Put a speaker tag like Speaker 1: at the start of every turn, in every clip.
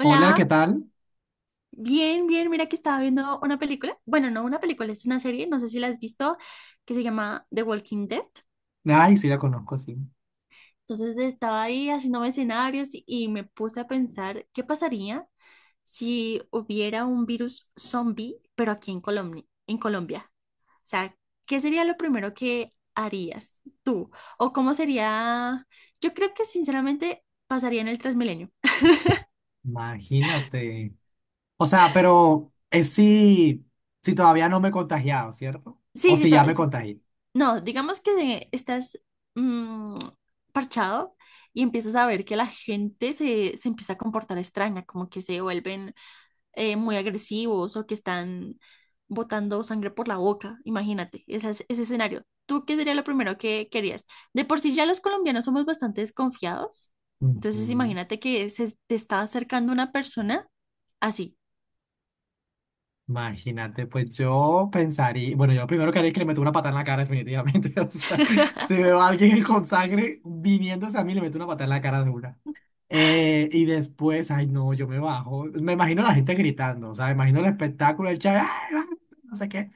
Speaker 1: Hola, ¿qué tal?
Speaker 2: bien, bien, mira que estaba viendo una película. Bueno, no una película, es una serie, no sé si la has visto, que se llama The Walking Dead.
Speaker 1: Ay, sí la conozco, sí.
Speaker 2: Entonces estaba ahí haciendo escenarios y me puse a pensar qué pasaría si hubiera un virus zombie, pero aquí en Colombia, en Colombia. O sea, ¿qué sería lo primero que harías tú? ¿O cómo sería? Yo creo que sinceramente pasaría en el Transmilenio.
Speaker 1: Imagínate. O sea, pero es si, si todavía no me he contagiado, ¿cierto? O
Speaker 2: Sí, sí,
Speaker 1: si
Speaker 2: todo.
Speaker 1: ya me contagié.
Speaker 2: No, digamos que estás mm, parchado y empiezas a ver que la gente se empieza a comportar extraña, como que se vuelven muy agresivos o que están botando sangre por la boca. Imagínate ese escenario. ¿Tú qué sería lo primero que querías? De por sí ya los colombianos somos bastante desconfiados. Entonces
Speaker 1: Ujú.
Speaker 2: imagínate que se te está acercando una persona así.
Speaker 1: Imagínate, pues yo pensaría, bueno, yo lo primero que haría es que le meto una patada en la cara definitivamente. O sea, si veo a alguien con sangre viniéndose a mí, le meto una patada en la cara de una. Y después, ay no, yo me bajo. Me imagino a la gente gritando, o sea, me imagino el espectáculo, el chat, "Ay, ay", no sé qué.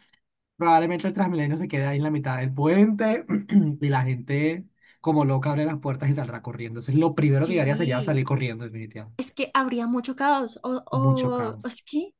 Speaker 1: Probablemente el Transmilenio se quede ahí en la mitad del puente y la gente como loca abre las puertas y saldrá corriendo. Entonces lo primero que yo haría sería
Speaker 2: Sí,
Speaker 1: salir corriendo, definitivamente.
Speaker 2: es que habría mucho caos.
Speaker 1: Mucho
Speaker 2: O
Speaker 1: caos.
Speaker 2: es que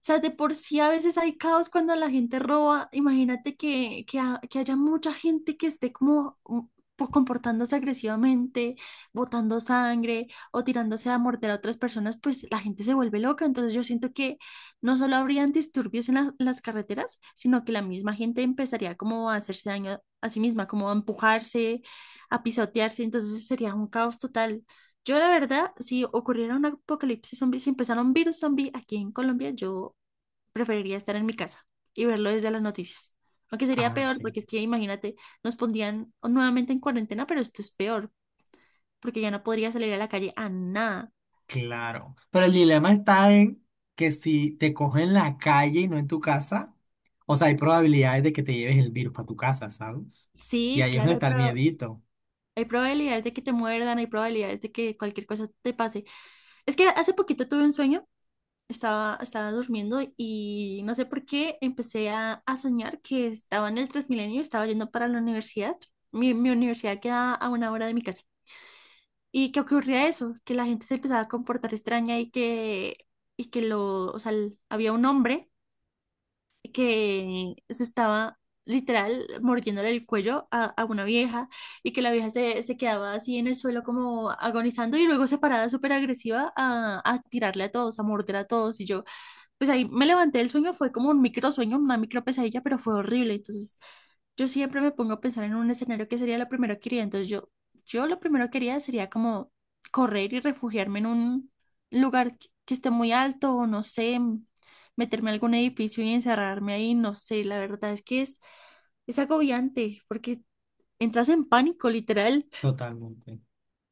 Speaker 2: sea, de por sí a veces hay caos cuando la gente roba. Imagínate que haya mucha gente que esté como comportándose agresivamente, botando sangre o tirándose a morder a otras personas, pues la gente se vuelve loca. Entonces yo siento que no solo habrían disturbios en las carreteras, sino que la misma gente empezaría como a hacerse daño a sí misma, como a empujarse, a pisotearse. Entonces sería un caos total. Yo, la verdad, si ocurriera un apocalipsis zombie, si empezara un virus zombie aquí en Colombia, yo preferiría estar en mi casa y verlo desde las noticias. Aunque sería
Speaker 1: Ah,
Speaker 2: peor,
Speaker 1: sí,
Speaker 2: porque es que imagínate, nos pondrían nuevamente en cuarentena, pero esto es peor porque ya no podría salir a la calle a nada.
Speaker 1: claro. Pero el dilema está en que si te cogen en la calle y no en tu casa, o sea, hay probabilidades de que te lleves el virus para tu casa, ¿sabes? Y
Speaker 2: Sí,
Speaker 1: ahí es
Speaker 2: claro,
Speaker 1: donde
Speaker 2: hay,
Speaker 1: está el
Speaker 2: pro-
Speaker 1: miedito.
Speaker 2: hay probabilidades de que te muerdan, hay probabilidades de que cualquier cosa te pase. Es que hace poquito tuve un sueño, estaba durmiendo y no sé por qué empecé a soñar que estaba en el Transmilenio, estaba yendo para la universidad. Mi universidad queda a una hora de mi casa. Y que ocurría eso, que la gente se empezaba a comportar extraña, o sea, había un hombre que se estaba literal mordiéndole el cuello a una vieja y que la vieja se quedaba así en el suelo como agonizando y luego se paraba súper agresiva a tirarle a todos, a morder a todos. Y yo, pues ahí me levanté del sueño. Fue como un micro sueño, una micro pesadilla, pero fue horrible. Entonces, yo siempre me pongo a pensar en un escenario que sería lo primero que quería. Entonces, yo lo primero que quería sería como correr y refugiarme en un lugar que esté muy alto o no sé, meterme a algún edificio y encerrarme ahí, no sé, la verdad es que es agobiante porque entras en pánico, literal.
Speaker 1: Totalmente.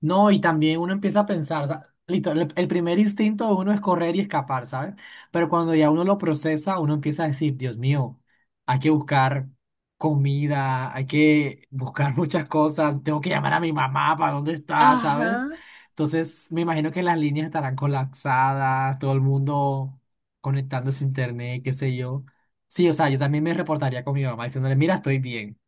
Speaker 1: No, y también uno empieza a pensar, o sea, listo, el primer instinto de uno es correr y escapar, ¿sabes? Pero cuando ya uno lo procesa, uno empieza a decir, Dios mío, hay que buscar comida, hay que buscar muchas cosas, tengo que llamar a mi mamá para dónde está,
Speaker 2: Ajá.
Speaker 1: ¿sabes? Entonces, me imagino que las líneas estarán colapsadas, todo el mundo conectándose a internet, qué sé yo. Sí, o sea, yo también me reportaría con mi mamá diciéndole, mira, estoy bien.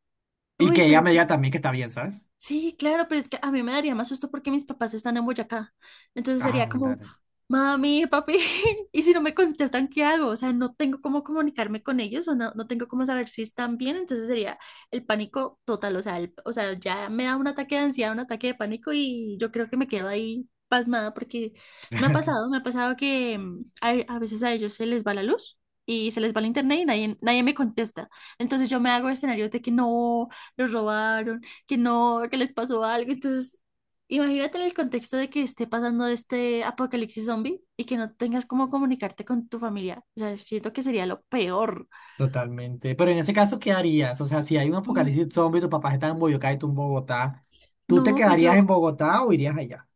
Speaker 1: Y
Speaker 2: Uy,
Speaker 1: que
Speaker 2: pero
Speaker 1: ella me
Speaker 2: es
Speaker 1: diga también que está bien, ¿sabes?
Speaker 2: Sí, claro, pero es que a mí me daría más susto porque mis papás están en Boyacá. Entonces sería como,
Speaker 1: Ándale.
Speaker 2: mami, papi, y si no me contestan, ¿qué hago? O sea, no tengo cómo comunicarme con ellos o no, no tengo cómo saber si están bien. Entonces sería el pánico total. O sea, o sea, ya me da un ataque de ansiedad, un ataque de pánico y yo creo que me quedo ahí pasmada porque me ha pasado que a veces a ellos se les va la luz. Y se les va el internet y nadie me contesta. Entonces yo me hago escenarios de que no, los robaron, que no, que les pasó algo. Entonces, imagínate en el contexto de que esté pasando este apocalipsis zombie y que no tengas cómo comunicarte con tu familia. O sea, siento que sería lo peor.
Speaker 1: Totalmente. Pero en ese caso, ¿qué harías? O sea, si hay un
Speaker 2: Mm,
Speaker 1: apocalipsis zombie, tu papá está en Boyacá y tú en Bogotá, ¿tú te
Speaker 2: no, pues
Speaker 1: quedarías en
Speaker 2: yo,
Speaker 1: Bogotá o irías allá?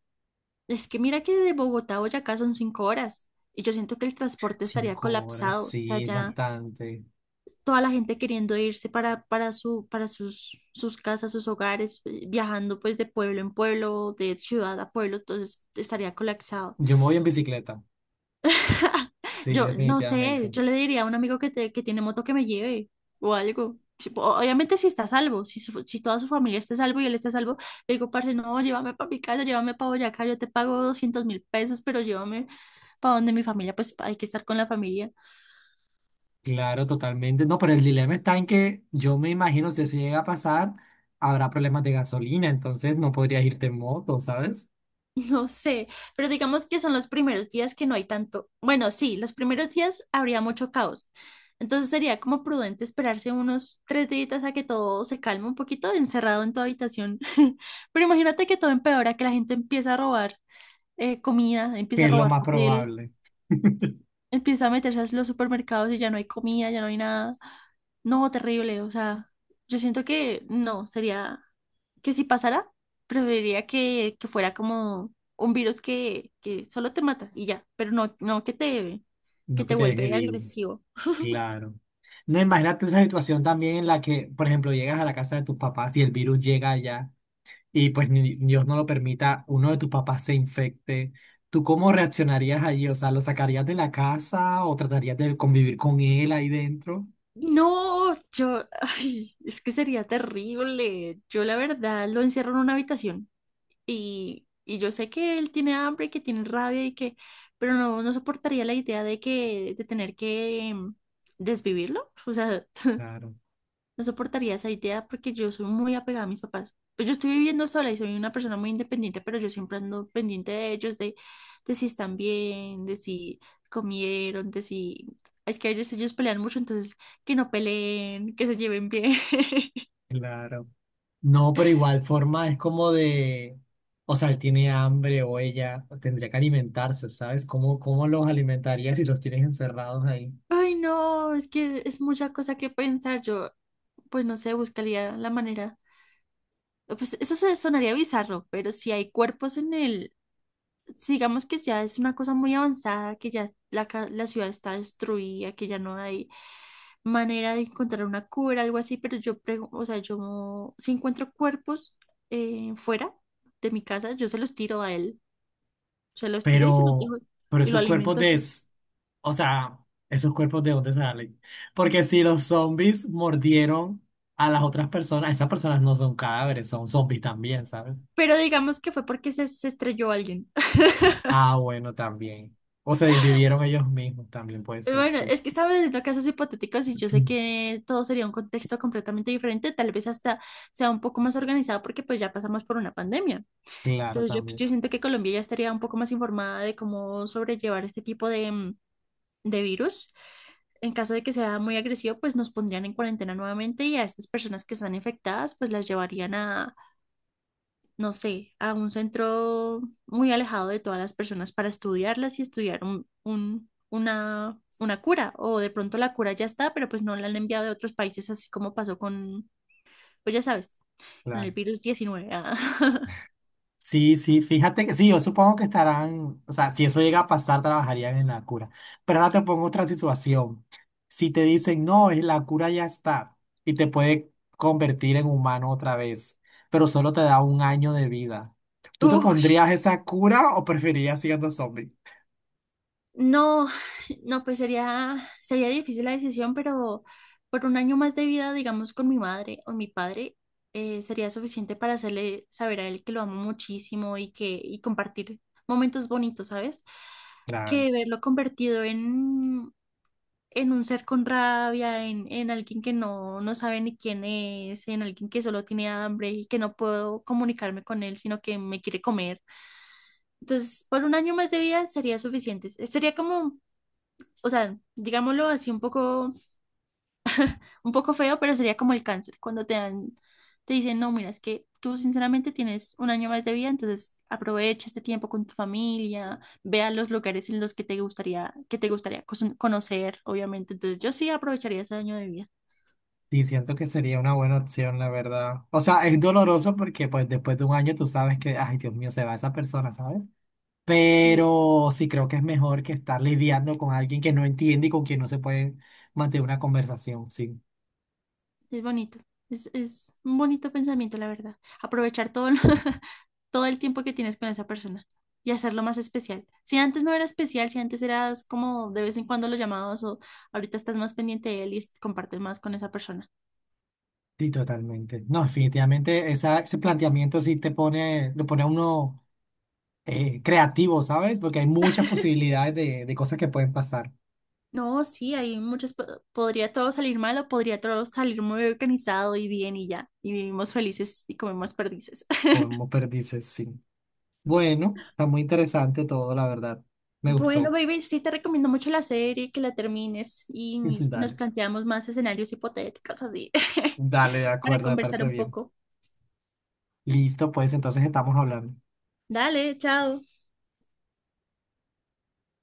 Speaker 2: es que mira que de Bogotá a Boyacá son 5 horas. Y yo siento que el transporte estaría
Speaker 1: Cinco horas,
Speaker 2: colapsado, o sea,
Speaker 1: sí,
Speaker 2: ya
Speaker 1: bastante.
Speaker 2: toda la gente queriendo irse para sus casas, sus hogares, viajando pues de pueblo en pueblo, de ciudad a pueblo, entonces estaría colapsado.
Speaker 1: Yo me voy en bicicleta, sí,
Speaker 2: Yo no
Speaker 1: definitivamente.
Speaker 2: sé, yo le diría a un amigo que, que tiene moto que me lleve o algo. Obviamente si está a salvo, si, si toda su familia está a salvo y él está a salvo, le digo, parce, no, llévame para mi casa, llévame para Boyacá, yo te pago 200.000 pesos, pero llévame para donde mi familia, pues hay que estar con la familia.
Speaker 1: Claro, totalmente. No, pero el dilema está en que yo me imagino si eso llega a pasar, habrá problemas de gasolina, entonces no podrías irte en moto, ¿sabes?
Speaker 2: No sé, pero digamos que son los primeros días que no hay tanto. Bueno, sí, los primeros días habría mucho caos. Entonces sería como prudente esperarse unos 3 días a que todo se calme un poquito, encerrado en tu habitación. Pero imagínate que todo empeora, que la gente empieza a robar comida, empieza
Speaker 1: Que
Speaker 2: a
Speaker 1: es lo
Speaker 2: robar
Speaker 1: más
Speaker 2: papel,
Speaker 1: probable,
Speaker 2: empieza a meterse a los supermercados y ya no hay comida, ya no hay nada. No, terrible, o sea, yo siento que no, sería que si pasara, preferiría que fuera como un virus que solo te mata y ya, pero no, no que te, que
Speaker 1: no que
Speaker 2: te
Speaker 1: te deje
Speaker 2: vuelve
Speaker 1: vivo.
Speaker 2: agresivo.
Speaker 1: Claro. No, imagínate esa situación también en la que, por ejemplo, llegas a la casa de tus papás y el virus llega allá y pues ni- Dios no lo permita, uno de tus papás se infecte. ¿Tú cómo reaccionarías allí? O sea, ¿lo sacarías de la casa o tratarías de convivir con él ahí dentro?
Speaker 2: No, yo, ay, es que sería terrible. Yo la verdad lo encierro en una habitación. Y yo sé que él tiene hambre, que tiene rabia y que, pero no, no soportaría la idea de que, de tener que desvivirlo. O sea,
Speaker 1: Claro,
Speaker 2: no soportaría esa idea porque yo soy muy apegada a mis papás. Pues yo estoy viviendo sola y soy una persona muy independiente, pero yo siempre ando pendiente de ellos, de si están bien, de si comieron, de si... Es que a veces ellos pelean mucho, entonces que no peleen, que se lleven bien.
Speaker 1: claro. No, pero igual forma es como de, o sea, él tiene hambre o ella tendría que alimentarse, ¿sabes? ¿Cómo los alimentarías si los tienes encerrados ahí?
Speaker 2: Ay, no, es que es mucha cosa que pensar. Yo, pues no sé, buscaría la manera. Pues eso se sonaría bizarro, pero si hay cuerpos en el, si digamos que ya es una cosa muy avanzada, que ya la, la ciudad está destruida, que ya no hay manera de encontrar una cura, algo así, pero yo prego, o sea, yo si encuentro cuerpos fuera de mi casa, yo se los tiro a él, se los tiro y se los dejo
Speaker 1: Pero, pero
Speaker 2: y lo
Speaker 1: esos cuerpos
Speaker 2: alimento
Speaker 1: de,
Speaker 2: así.
Speaker 1: o sea, esos cuerpos de dónde salen. Porque si los zombies mordieron a las otras personas, esas personas no son cadáveres, son zombies también, ¿sabes?
Speaker 2: Pero digamos que fue porque se estrelló alguien.
Speaker 1: Ah, bueno, también. O se desvivieron ellos mismos, también puede ser,
Speaker 2: Bueno,
Speaker 1: sí.
Speaker 2: es que estamos haciendo casos hipotéticos y yo sé que todo sería un contexto completamente diferente, tal vez hasta sea un poco más organizado porque pues ya pasamos por una pandemia.
Speaker 1: Claro,
Speaker 2: Entonces yo,
Speaker 1: también.
Speaker 2: yo siento que Colombia ya estaría un poco más informada de cómo sobrellevar este tipo de virus. En caso de que sea muy agresivo, pues nos pondrían en cuarentena nuevamente y a estas personas que están infectadas, pues las llevarían, no sé, a un centro muy alejado de todas las personas para estudiarlas y estudiar una cura. O de pronto la cura ya está, pero pues no la han enviado de otros países, así como pasó con, pues ya sabes, con el
Speaker 1: Claro.
Speaker 2: virus 19, ah.
Speaker 1: Sí, sí, fíjate que sí, yo supongo que estarán, o sea, si eso llega a pasar, trabajarían en la cura. Pero ahora te pongo otra situación. Si te dicen, no, es la cura ya está y te puede convertir en humano otra vez, pero solo te da un año de vida, ¿tú te
Speaker 2: Uf,
Speaker 1: pondrías esa cura o preferirías siendo zombie?
Speaker 2: no, no, pues sería, sería difícil la decisión, pero por un año más de vida, digamos, con mi madre o mi padre, sería suficiente para hacerle saber a él que lo amo muchísimo y compartir momentos bonitos, ¿sabes?
Speaker 1: Claro.
Speaker 2: Que verlo convertido en, un ser con rabia, en alguien que no sabe ni quién es, en alguien que solo tiene hambre y que no puedo comunicarme con él, sino que me quiere comer. Entonces, por un año más de vida sería suficiente. Sería como o sea, digámoslo así un poco feo, pero sería como el cáncer, cuando te dan, te dicen, no, mira, es que tú sinceramente tienes un año más de vida, entonces aprovecha este tiempo con tu familia, ve a los lugares en los que te gustaría conocer, obviamente. Entonces yo sí aprovecharía ese año de vida.
Speaker 1: Sí, siento que sería una buena opción, la verdad. O sea, es doloroso porque pues después de un año tú sabes que, ay, Dios mío, se va esa persona, ¿sabes?
Speaker 2: Sí,
Speaker 1: Pero sí creo que es mejor que estar lidiando con alguien que no entiende y con quien no se puede mantener una conversación. Sí,
Speaker 2: es bonito. Es un bonito pensamiento, la verdad. Aprovechar todo lo, todo el tiempo que tienes con esa persona y hacerlo más especial. Si antes no era especial, si antes eras como de vez en cuando lo llamabas o ahorita estás más pendiente de él y compartes más con esa persona.
Speaker 1: sí, totalmente. No, definitivamente esa- ese planteamiento sí te pone, lo pone a uno creativo, ¿sabes? Porque hay muchas posibilidades de cosas que pueden pasar,
Speaker 2: No, sí, hay muchas, podría todo salir mal o podría todo salir muy organizado y bien y ya, y vivimos felices y comemos perdices.
Speaker 1: como perdices, sí. Bueno, está muy interesante todo, la verdad. Me
Speaker 2: Bueno,
Speaker 1: gustó.
Speaker 2: baby, sí te recomiendo mucho la serie, que la termines y nos
Speaker 1: Dale,
Speaker 2: planteamos más escenarios hipotéticos así.
Speaker 1: dale, de
Speaker 2: Para
Speaker 1: acuerdo, me
Speaker 2: conversar
Speaker 1: parece
Speaker 2: un
Speaker 1: bien.
Speaker 2: poco.
Speaker 1: Listo, pues entonces estamos hablando.
Speaker 2: Dale, chao.